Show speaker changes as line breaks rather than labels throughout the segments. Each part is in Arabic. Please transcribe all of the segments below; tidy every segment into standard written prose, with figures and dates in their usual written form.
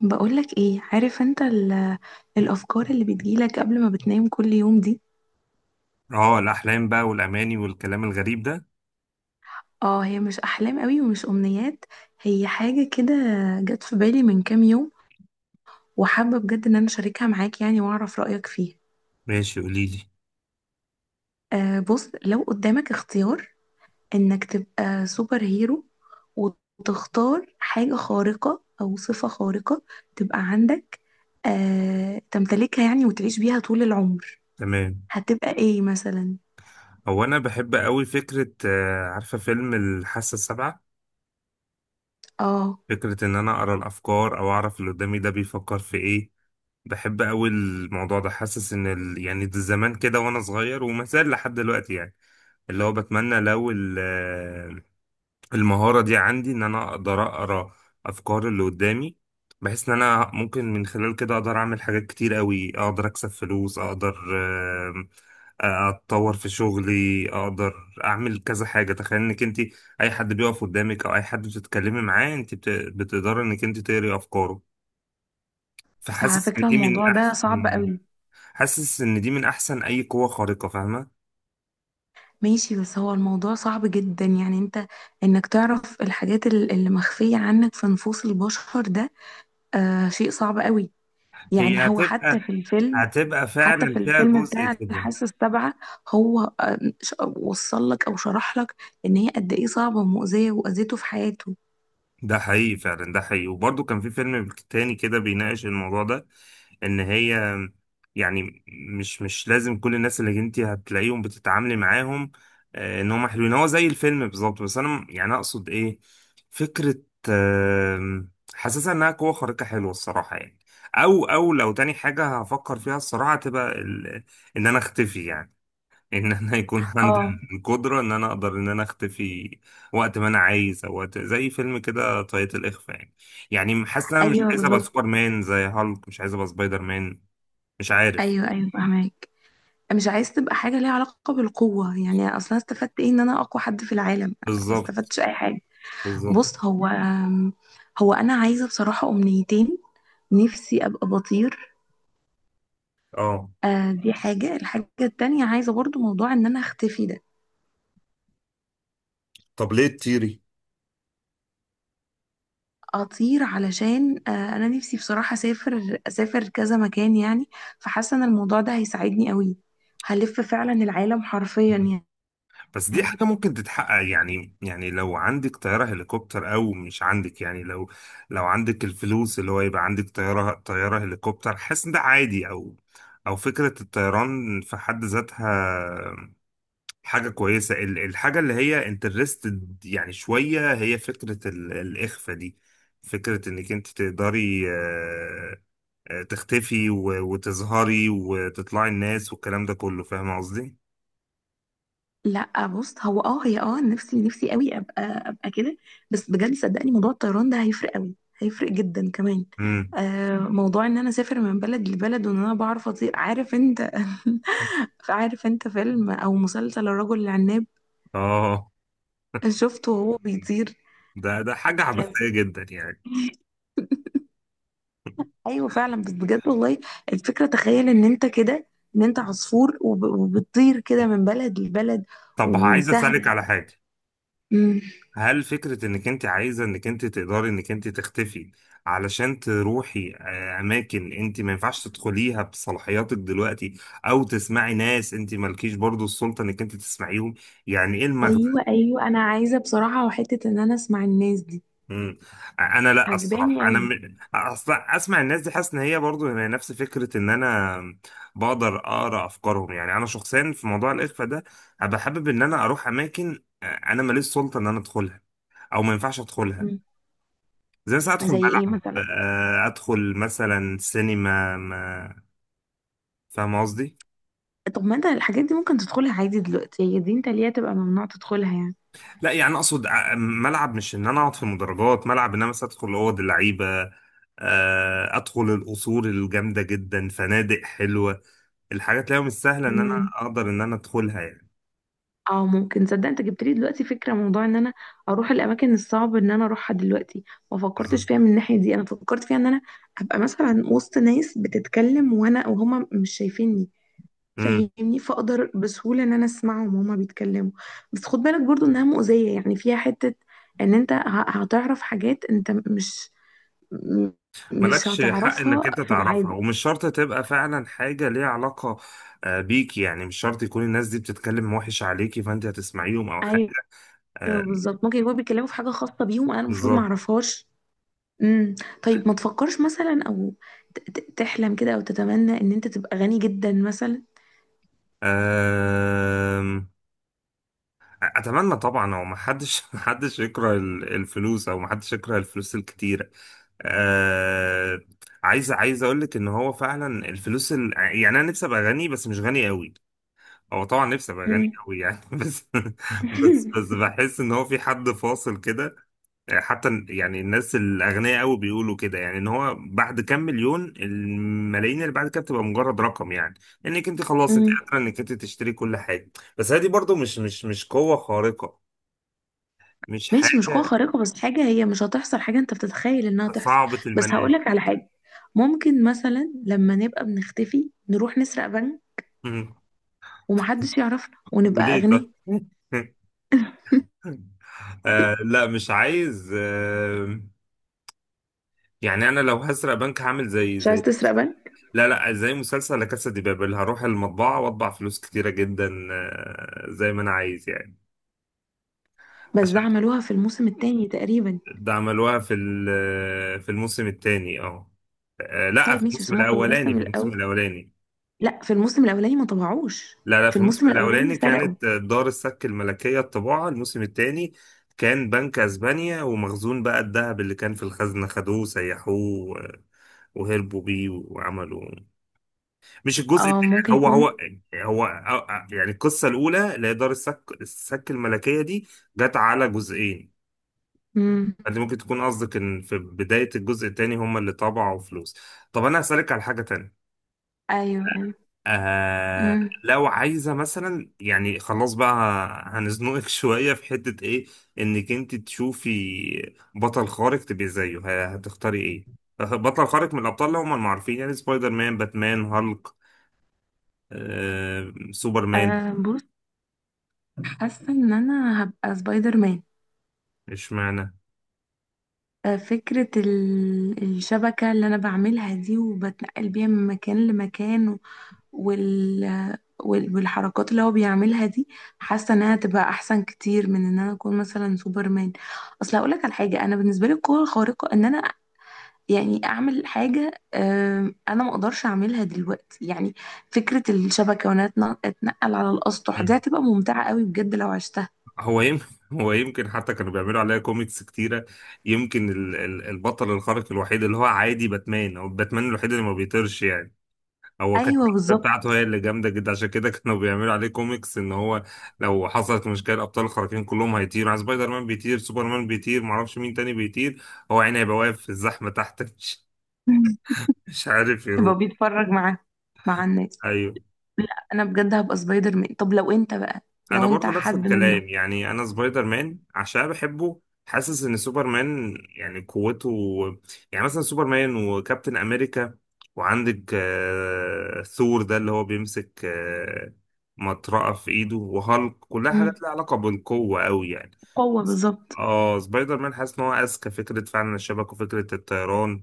بقولك ايه عارف انت الافكار اللي بتجيلك قبل ما بتنام كل يوم دي.
اه الاحلام بقى والاماني والكلام الغريب ده.
اه، هي مش احلام قوي ومش امنيات. هي حاجة كده جت في بالي من كام يوم، وحابة بجد ان انا اشاركها معاك يعني واعرف رأيك فيها.
ماشي، قولي لي.
آه، بص، لو قدامك اختيار انك تبقى سوبر هيرو، وتختار حاجة خارقة او صفة خارقة تبقى عندك، تمتلكها يعني وتعيش بيها طول العمر.
تمام.
هتبقى ايه مثلا؟
هو انا بحب قوي فكره، عارفه فيلم الحاسه السابعه؟
اه،
فكره ان انا اقرا الافكار او اعرف اللي قدامي ده بيفكر في ايه. بحب قوي الموضوع ده، حاسس ان يعني ده زمان كده وانا صغير وما زال لحد دلوقتي يعني. اللي هو بتمنى لو ال... آه، المهارة دي عندي، إن أنا أقدر أقرأ أفكار اللي قدامي، بحيث إن أنا ممكن من خلال كده أقدر أعمل حاجات كتير قوي، أقدر أكسب فلوس، أقدر آم، آه، أتطور في شغلي، أقدر أعمل كذا حاجة. تخيل إنك أنت، أي حد بيقف قدامك أو أي حد بتتكلمي معاه أنت بتقدري إنك أنت تقري أفكاره.
بس على
فحاسس إن
فكرة
دي من
الموضوع ده
أحسن.
صعب قوي.
حاسس إن دي من أحسن أي قوة خارقة، فاهمة؟
ماشي، بس هو الموضوع صعب جدا يعني انت، انك تعرف الحاجات اللي مخفية عنك في نفوس البشر ده، شيء صعب قوي. يعني
هي
هو حتى
هتبقى
في الفيلم
هتبقى
حتى في
فعلا فيها
الفيلم
جزء
بتاع
كده.
الحاسة السابعة. هو وصل لك او شرح لك ان هي قد ايه صعبة ومؤذية واذيته في حياته.
ده حقيقي، فعلا ده حقيقي، وبرضه كان في فيلم تاني كده بيناقش الموضوع ده. ان هي يعني مش لازم كل الناس اللي انت هتلاقيهم بتتعاملي معاهم، ان هم حلوين. هو زي الفيلم بالظبط، بس انا يعني اقصد ايه، فكرة، حاسسها انها قوة خارقة حلوة الصراحة يعني. او لو تاني حاجة هفكر فيها الصراحة تبقى ان انا اختفي يعني. ان انا يكون عندي
اه،
القدره ان انا اقدر ان انا اختفي وقت ما انا عايز، او وقت زي فيلم كده طاقية الاخفاء يعني. يعني حاسس ان انا مش
ايوه
عايز ابقى
بالظبط.
سوبر مان، زي هالك مش عايز ابقى سبايدر مان. مش عارف.
ايوه، ايوه، فهماك. مش عايز تبقى حاجة ليها علاقة بالقوة يعني، اصلا استفدت ايه ان انا اقوى حد في العالم؟ ما
بالظبط.
استفدتش اي حاجة.
بالظبط.
بُص، هو أنا عايزة بصراحة أمنيتين. نِفْسي أبقى بَطِير.
اه.
دي حاجة، الحاجة التانية عايزة برضه موضوع إن أنا أختفي ده.
طب ليه تطيري؟
أطير علشان أنا نِفْسي بصراحة أسافر كذا مكان يعني. فحاسة إن الموضوع ده هيساعدني أوي، هالِف فعلًا العالم حرفيًا
بس دي
يعني.
حاجة ممكن تتحقق يعني لو عندك طيارة هليكوبتر أو مش عندك، يعني لو عندك الفلوس، اللي هو يبقى عندك طيارة هليكوبتر، حاسس إن ده عادي. أو فكرة الطيران في حد ذاتها حاجة كويسة. الحاجة اللي هي انترستد يعني شوية، هي فكرة الإخفاء دي. فكرة إنك أنت تقدري تختفي وتظهري وتطلعي الناس والكلام ده كله، فاهم قصدي؟
لا بص، هو اه هي نفسي قوي ابقى كده. بس بجد صدقني، موضوع الطيران ده هيفرق قوي، هيفرق جدا كمان.
امم.
موضوع ان انا اسافر من بلد لبلد وان انا بعرف اطير. عارف انت؟ عارف انت فيلم او مسلسل الرجل العناب؟
اه.
شفته وهو بيطير.
ده حاجة
كان-
عبثية جدا يعني.
ايوه فعلا، بس بجد والله، الفكره تخيل ان انت عصفور، وبتطير كده من بلد لبلد
طب عايز أسألك
وسهله.
على حاجة.
أمم.
هل فكرة انك انت عايزة انك انت تقدري انك انت تختفي علشان تروحي اماكن انت ما ينفعش تدخليها بصلاحياتك دلوقتي، او تسمعي ناس انت مالكيش برضو السلطة انك انت تسمعيهم، يعني ايه المغزى؟
ايوه، ايوه، انا عايزه بصراحه وحته ان انا اسمع الناس دي.
مم. انا لا،
عجباني
الصراحة انا
قوي.
اصلا اسمع الناس دي، حاسس ان هي برضو هي نفس فكرة ان انا بقدر اقرا افكارهم. يعني انا شخصيا في موضوع الاخفاء ده، ابقى حابب ان انا اروح اماكن انا ماليش سلطة ان انا ادخلها، او ما ينفعش
مم.
ادخلها. زي مثلا ادخل
زي ايه
ملعب،
مثلا؟
ادخل مثلا سينما ما. فاهم قصدي؟
طب ما انت الحاجات دي ممكن تدخلها عادي دلوقتي، هي دي انت ليه تبقى ممنوع تدخلها يعني؟
لا يعني اقصد، ملعب مش ان انا اقعد في المدرجات، ملعب ان انا مثلا ادخل اوض اللعيبه، ادخل القصور الجامده جدا، فنادق حلوه، الحاجات اللي هي مش سهله ان انا
مم.
اقدر ان انا ادخلها يعني.
اه، ممكن، صدق انت جبت لي دلوقتي فكره موضوع ان انا اروح الاماكن الصعبه ان انا اروحها دلوقتي. ما فكرتش
بالظبط.
فيها من الناحيه دي، انا فكرت فيها ان انا ابقى مثلا وسط ناس بتتكلم وانا وهما مش شايفيني.
مم.
فاهمني، فاقدر بسهوله ان انا اسمعهم وهما بيتكلموا. بس خد بالك برضو انها مؤذيه يعني، فيها حته ان انت هتعرف حاجات انت م- مش
مالكش حق
هتعرفها
انك انت
في
تعرفها،
العادي.
ومش شرط تبقى فعلا حاجه ليها علاقه بيك. يعني مش شرط يكون الناس دي بتتكلم وحش عليكي فانت هتسمعيهم او
ايوه
حاجه. آه،
بالظبط، ممكن يكونوا بيتكلموا في حاجه خاصه بيهم انا المفروض ما
بالظبط.
اعرفهاش. امم. طيب ما تفكرش مثلا او تحلم كده او تتمنى ان انت تبقى غني جدا مثلا؟
أم، اتمنى طبعا. هو ما حدش ما حدش يكره الفلوس، او ما حدش يكره الفلوس الكتيره. أه، عايز اقول لك ان هو فعلا الفلوس يعني انا نفسي ابقى غني بس مش غني قوي. هو طبعا نفسي ابقى غني
امم.
قوي يعني بس بحس ان هو في حد فاصل كده. حتى يعني الناس الأغنياء قوي بيقولوا كده، يعني إن هو بعد كام مليون، الملايين اللي بعد كده بتبقى مجرد رقم يعني. إنك أنت خلاص أنت
امم.
قادرة إنك أنت تشتري كل حاجة. بس هذه برضو مش قوة خارقة، مش
ماشي، مش قوة
حاجة
خارقة بس حاجة هي مش هتحصل، حاجة انت بتتخيل انها تحصل.
صعبة
بس
المنال.
هقولك على حاجة، ممكن مثلا لما نبقى بنختفي نروح نسرق بنك،
مم.
ومحدش يعرفنا ونبقى
وليه
أغنياء.
طب آه لا، مش عايز. يعني انا لو هسرق بنك هعمل
مش عايز
زي،
تسرق بنك؟
لا لا، زي مسلسل لا كاسا دي بابل. هروح المطبعة واطبع فلوس كتيرة جدا، زي ما انا عايز يعني.
بس ده
عشان
عملوها في الموسم التاني تقريبا.
ده عملوها في الموسم الثاني، اه. لا،
طيب
في
ماشي،
الموسم
بس هما في
الاولاني.
الموسم الاول، لا، في الموسم الاولاني ما طبعوش.
لا لا،
في
في
الموسم
الموسم
الاولاني
الاولاني
سرقوا.
كانت دار السك الملكيه الطباعه. الموسم الثاني كان بنك اسبانيا، ومخزون بقى الذهب اللي كان في الخزنه خدوه سيحوه وهربوا بيه وعملوا. مش الجزء
اه، ممكن
هو هو
يكون.
هو يعني القصه الاولى اللي هي دار السك الملكيه دي جت على جزئين.
امم.
انت ممكن تكون قصدك ان في بداية الجزء التاني هم اللي طبعوا فلوس. طب انا هسألك على حاجة تانية.
ايوه، ايوه.
آه
امم.
لو عايزة مثلا، يعني خلاص بقى هنزنقك شوية في حتة ايه، انك انت تشوفي بطل خارق تبقي زيه، هتختاري ايه؟ بطل خارق من الابطال اللي هم المعروفين، يعني سبايدر مان، باتمان، هالك، سوبرمان.
آه، بص، حاسه ان انا هبقى سبايدر مان.
اشمعنى؟
فكره الشبكه اللي انا بعملها دي وبتنقل بيها من مكان لمكان، وال... والحركات اللي هو بيعملها دي، حاسه انها تبقى احسن كتير من ان انا اكون مثلا سوبر مان. اصل هقول لك على حاجه، انا بالنسبه لي القوه الخارقه ان انا يعني اعمل حاجه، انا ما اقدرش اعملها دلوقتي يعني. فكره الشبكه وانا اتنقل على الاسطح دي هتبقى ممتعه قوي بجد لو عشتها.
هو يمكن هو يمكن حتى كانوا بيعملوا عليها كوميكس كتيرة. يمكن البطل الخارق الوحيد اللي هو عادي باتمان، او باتمان الوحيد اللي ما بيطيرش يعني. هو كانت
ايوه
الشخصية
بالظبط.
بتاعته هي اللي جامدة جدا، عشان كده كانوا بيعملوا عليه كوميكس ان هو لو حصلت مشكلة الابطال الخارقين كلهم هيطيروا يعني. سبايدر مان بيطير، سوبرمان بيطير، معرفش مين تاني بيطير. هو يعني هيبقى واقف في الزحمة تحت مش
مم.
مش عارف يروح.
يبقى بيتفرج معاه، مع الناس.
ايوه
لا انا بجد هبقى سبايدر مان. طب لو انت بقى،
انا
لو انت
برضو نفس
حد منهم؟
الكلام، يعني انا سبايدر مان عشان بحبه. حاسس ان سوبر مان يعني قوته، يعني مثلا سوبر مان وكابتن امريكا، وعندك ثور ده اللي هو بيمسك مطرقة في ايده، وهالك، كلها
مم.
حاجات لها علاقة بالقوة قوي يعني.
قوه بالظبط.
اه سبايدر مان، حاسس ان هو اذكى فكرة فعلا، الشبكة وفكرة الطيران،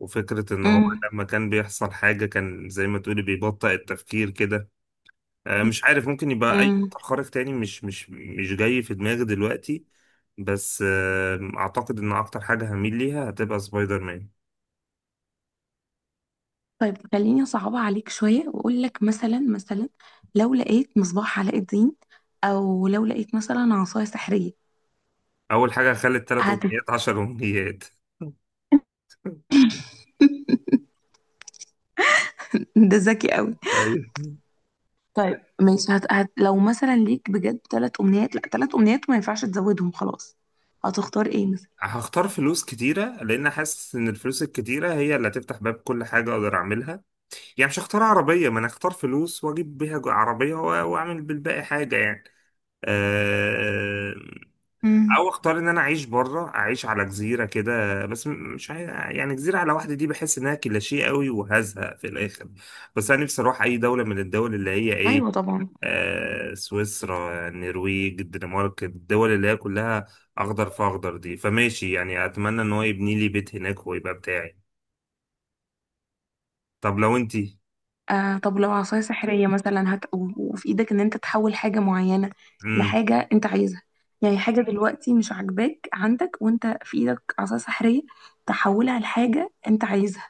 وفكرة ان هو
مم.
لما كان بيحصل حاجة كان زي ما تقولي بيبطئ التفكير كده. مش عارف ممكن يبقى اي
مم.
قطع خارق تاني، مش جاي في دماغي دلوقتي. بس اعتقد ان اكتر حاجه هميل ليها هتبقى سبايدر مان.
طيب خليني اصعبها عليك شويه واقول لك مثلا، مثلا لو لقيت مصباح علاء الدين، او لو لقيت مثلا عصايه سحريه.
اول حاجه هخلي الثلاث
هت
امنيات 10 امنيات
ده ذكي قوي.
ايوه،
طيب ماشي، لو مثلا ليك بجد ثلاث امنيات، لا، ثلاث امنيات ما ينفعش تزودهم خلاص، هتختار ايه مثلا؟
هختار فلوس كتيرة لأن حاسس إن الفلوس الكتيرة هي اللي هتفتح باب كل حاجة أقدر أعملها. يعني مش هختار عربية، ما أنا هختار فلوس وأجيب بيها عربية وأعمل بالباقي حاجة يعني. أه.
مم.
او اختار ان انا اعيش بره، اعيش على جزيره كده، بس مش يعني جزيره على واحده دي بحس انها كليشيه قوي وهزهق في الاخر. بس انا نفسي اروح اي دوله من الدول اللي هي
ايوه
ايه،
طبعا.
سويسرا، النرويج، الدنمارك، الدول اللي هي كلها اخضر في اخضر دي. فماشي يعني، اتمنى ان هو يبني لي بيت هناك ويبقى بتاعي. طب لو انتي.
آه، طب لو عصايه سحريه مثلا وفي ايدك ان انت تحول حاجه معينه
امم.
لحاجه انت عايزها، يعني حاجه دلوقتي مش عاجباك عندك وانت في ايدك عصايه سحريه تحولها لحاجه انت عايزها،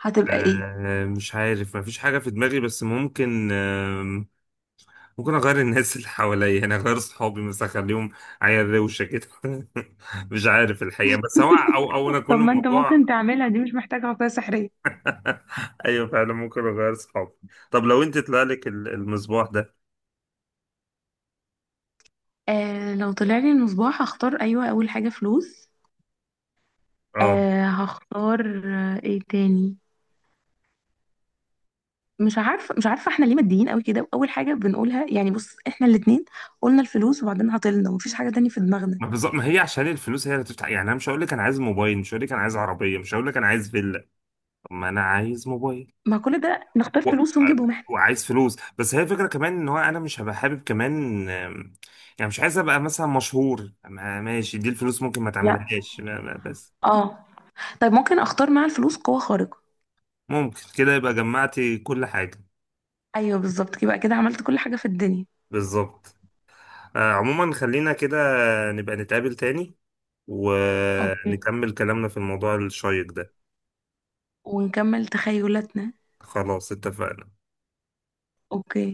هتبقى ايه؟
مش عارف مفيش حاجه في دماغي، بس ممكن ممكن اغير الناس اللي حواليا، يعني اغير صحابي مثلا، اخليهم عيال روشه كده مش عارف الحقيقه، بس هو او انا
طب
كل
ما انت
الموضوع
ممكن تعملها دي، مش محتاجة عصاية سحرية.
ايوه فعلا، ممكن اغير صحابي. طب لو انت طلع لك المصباح ده.
آه، لو طلع لي المصباح هختار، ايوه، اول حاجه فلوس.
اه.
هختار، ايه تاني؟ مش عارفه، مش عارفه، احنا ليه ماديين قوي كده واول حاجه بنقولها يعني، بص احنا الاتنين قلنا الفلوس وبعدين عطلنا ومفيش حاجه تانية في دماغنا.
ما بالظبط، ما هي عشان الفلوس هي اللي تفتح. يعني انا مش هقول لك انا عايز موبايل، مش هقول لك انا عايز عربيه، مش هقول لك انا عايز فيلا. طب ما انا عايز موبايل
ما كل ده نختار
و...
فلوس
آه،
ونجيبهم احنا.
وعايز فلوس. بس هي الفكره كمان ان هو انا مش هبقى حابب كمان، يعني مش عايز ابقى مثلا مشهور. ماشي، دي الفلوس ممكن ما
لا،
تعملهاش، بس
اه، طيب ممكن اختار مع الفلوس قوه خارقه؟
ممكن كده يبقى جمعتي كل حاجة.
ايوه بالظبط، يبقى كده عملت كل حاجه في الدنيا.
بالظبط. عموما خلينا كده، نبقى نتقابل تاني
اوكي،
ونكمل كلامنا في الموضوع الشيق ده.
ونكمل تخيلاتنا.
خلاص، اتفقنا.
اوكي.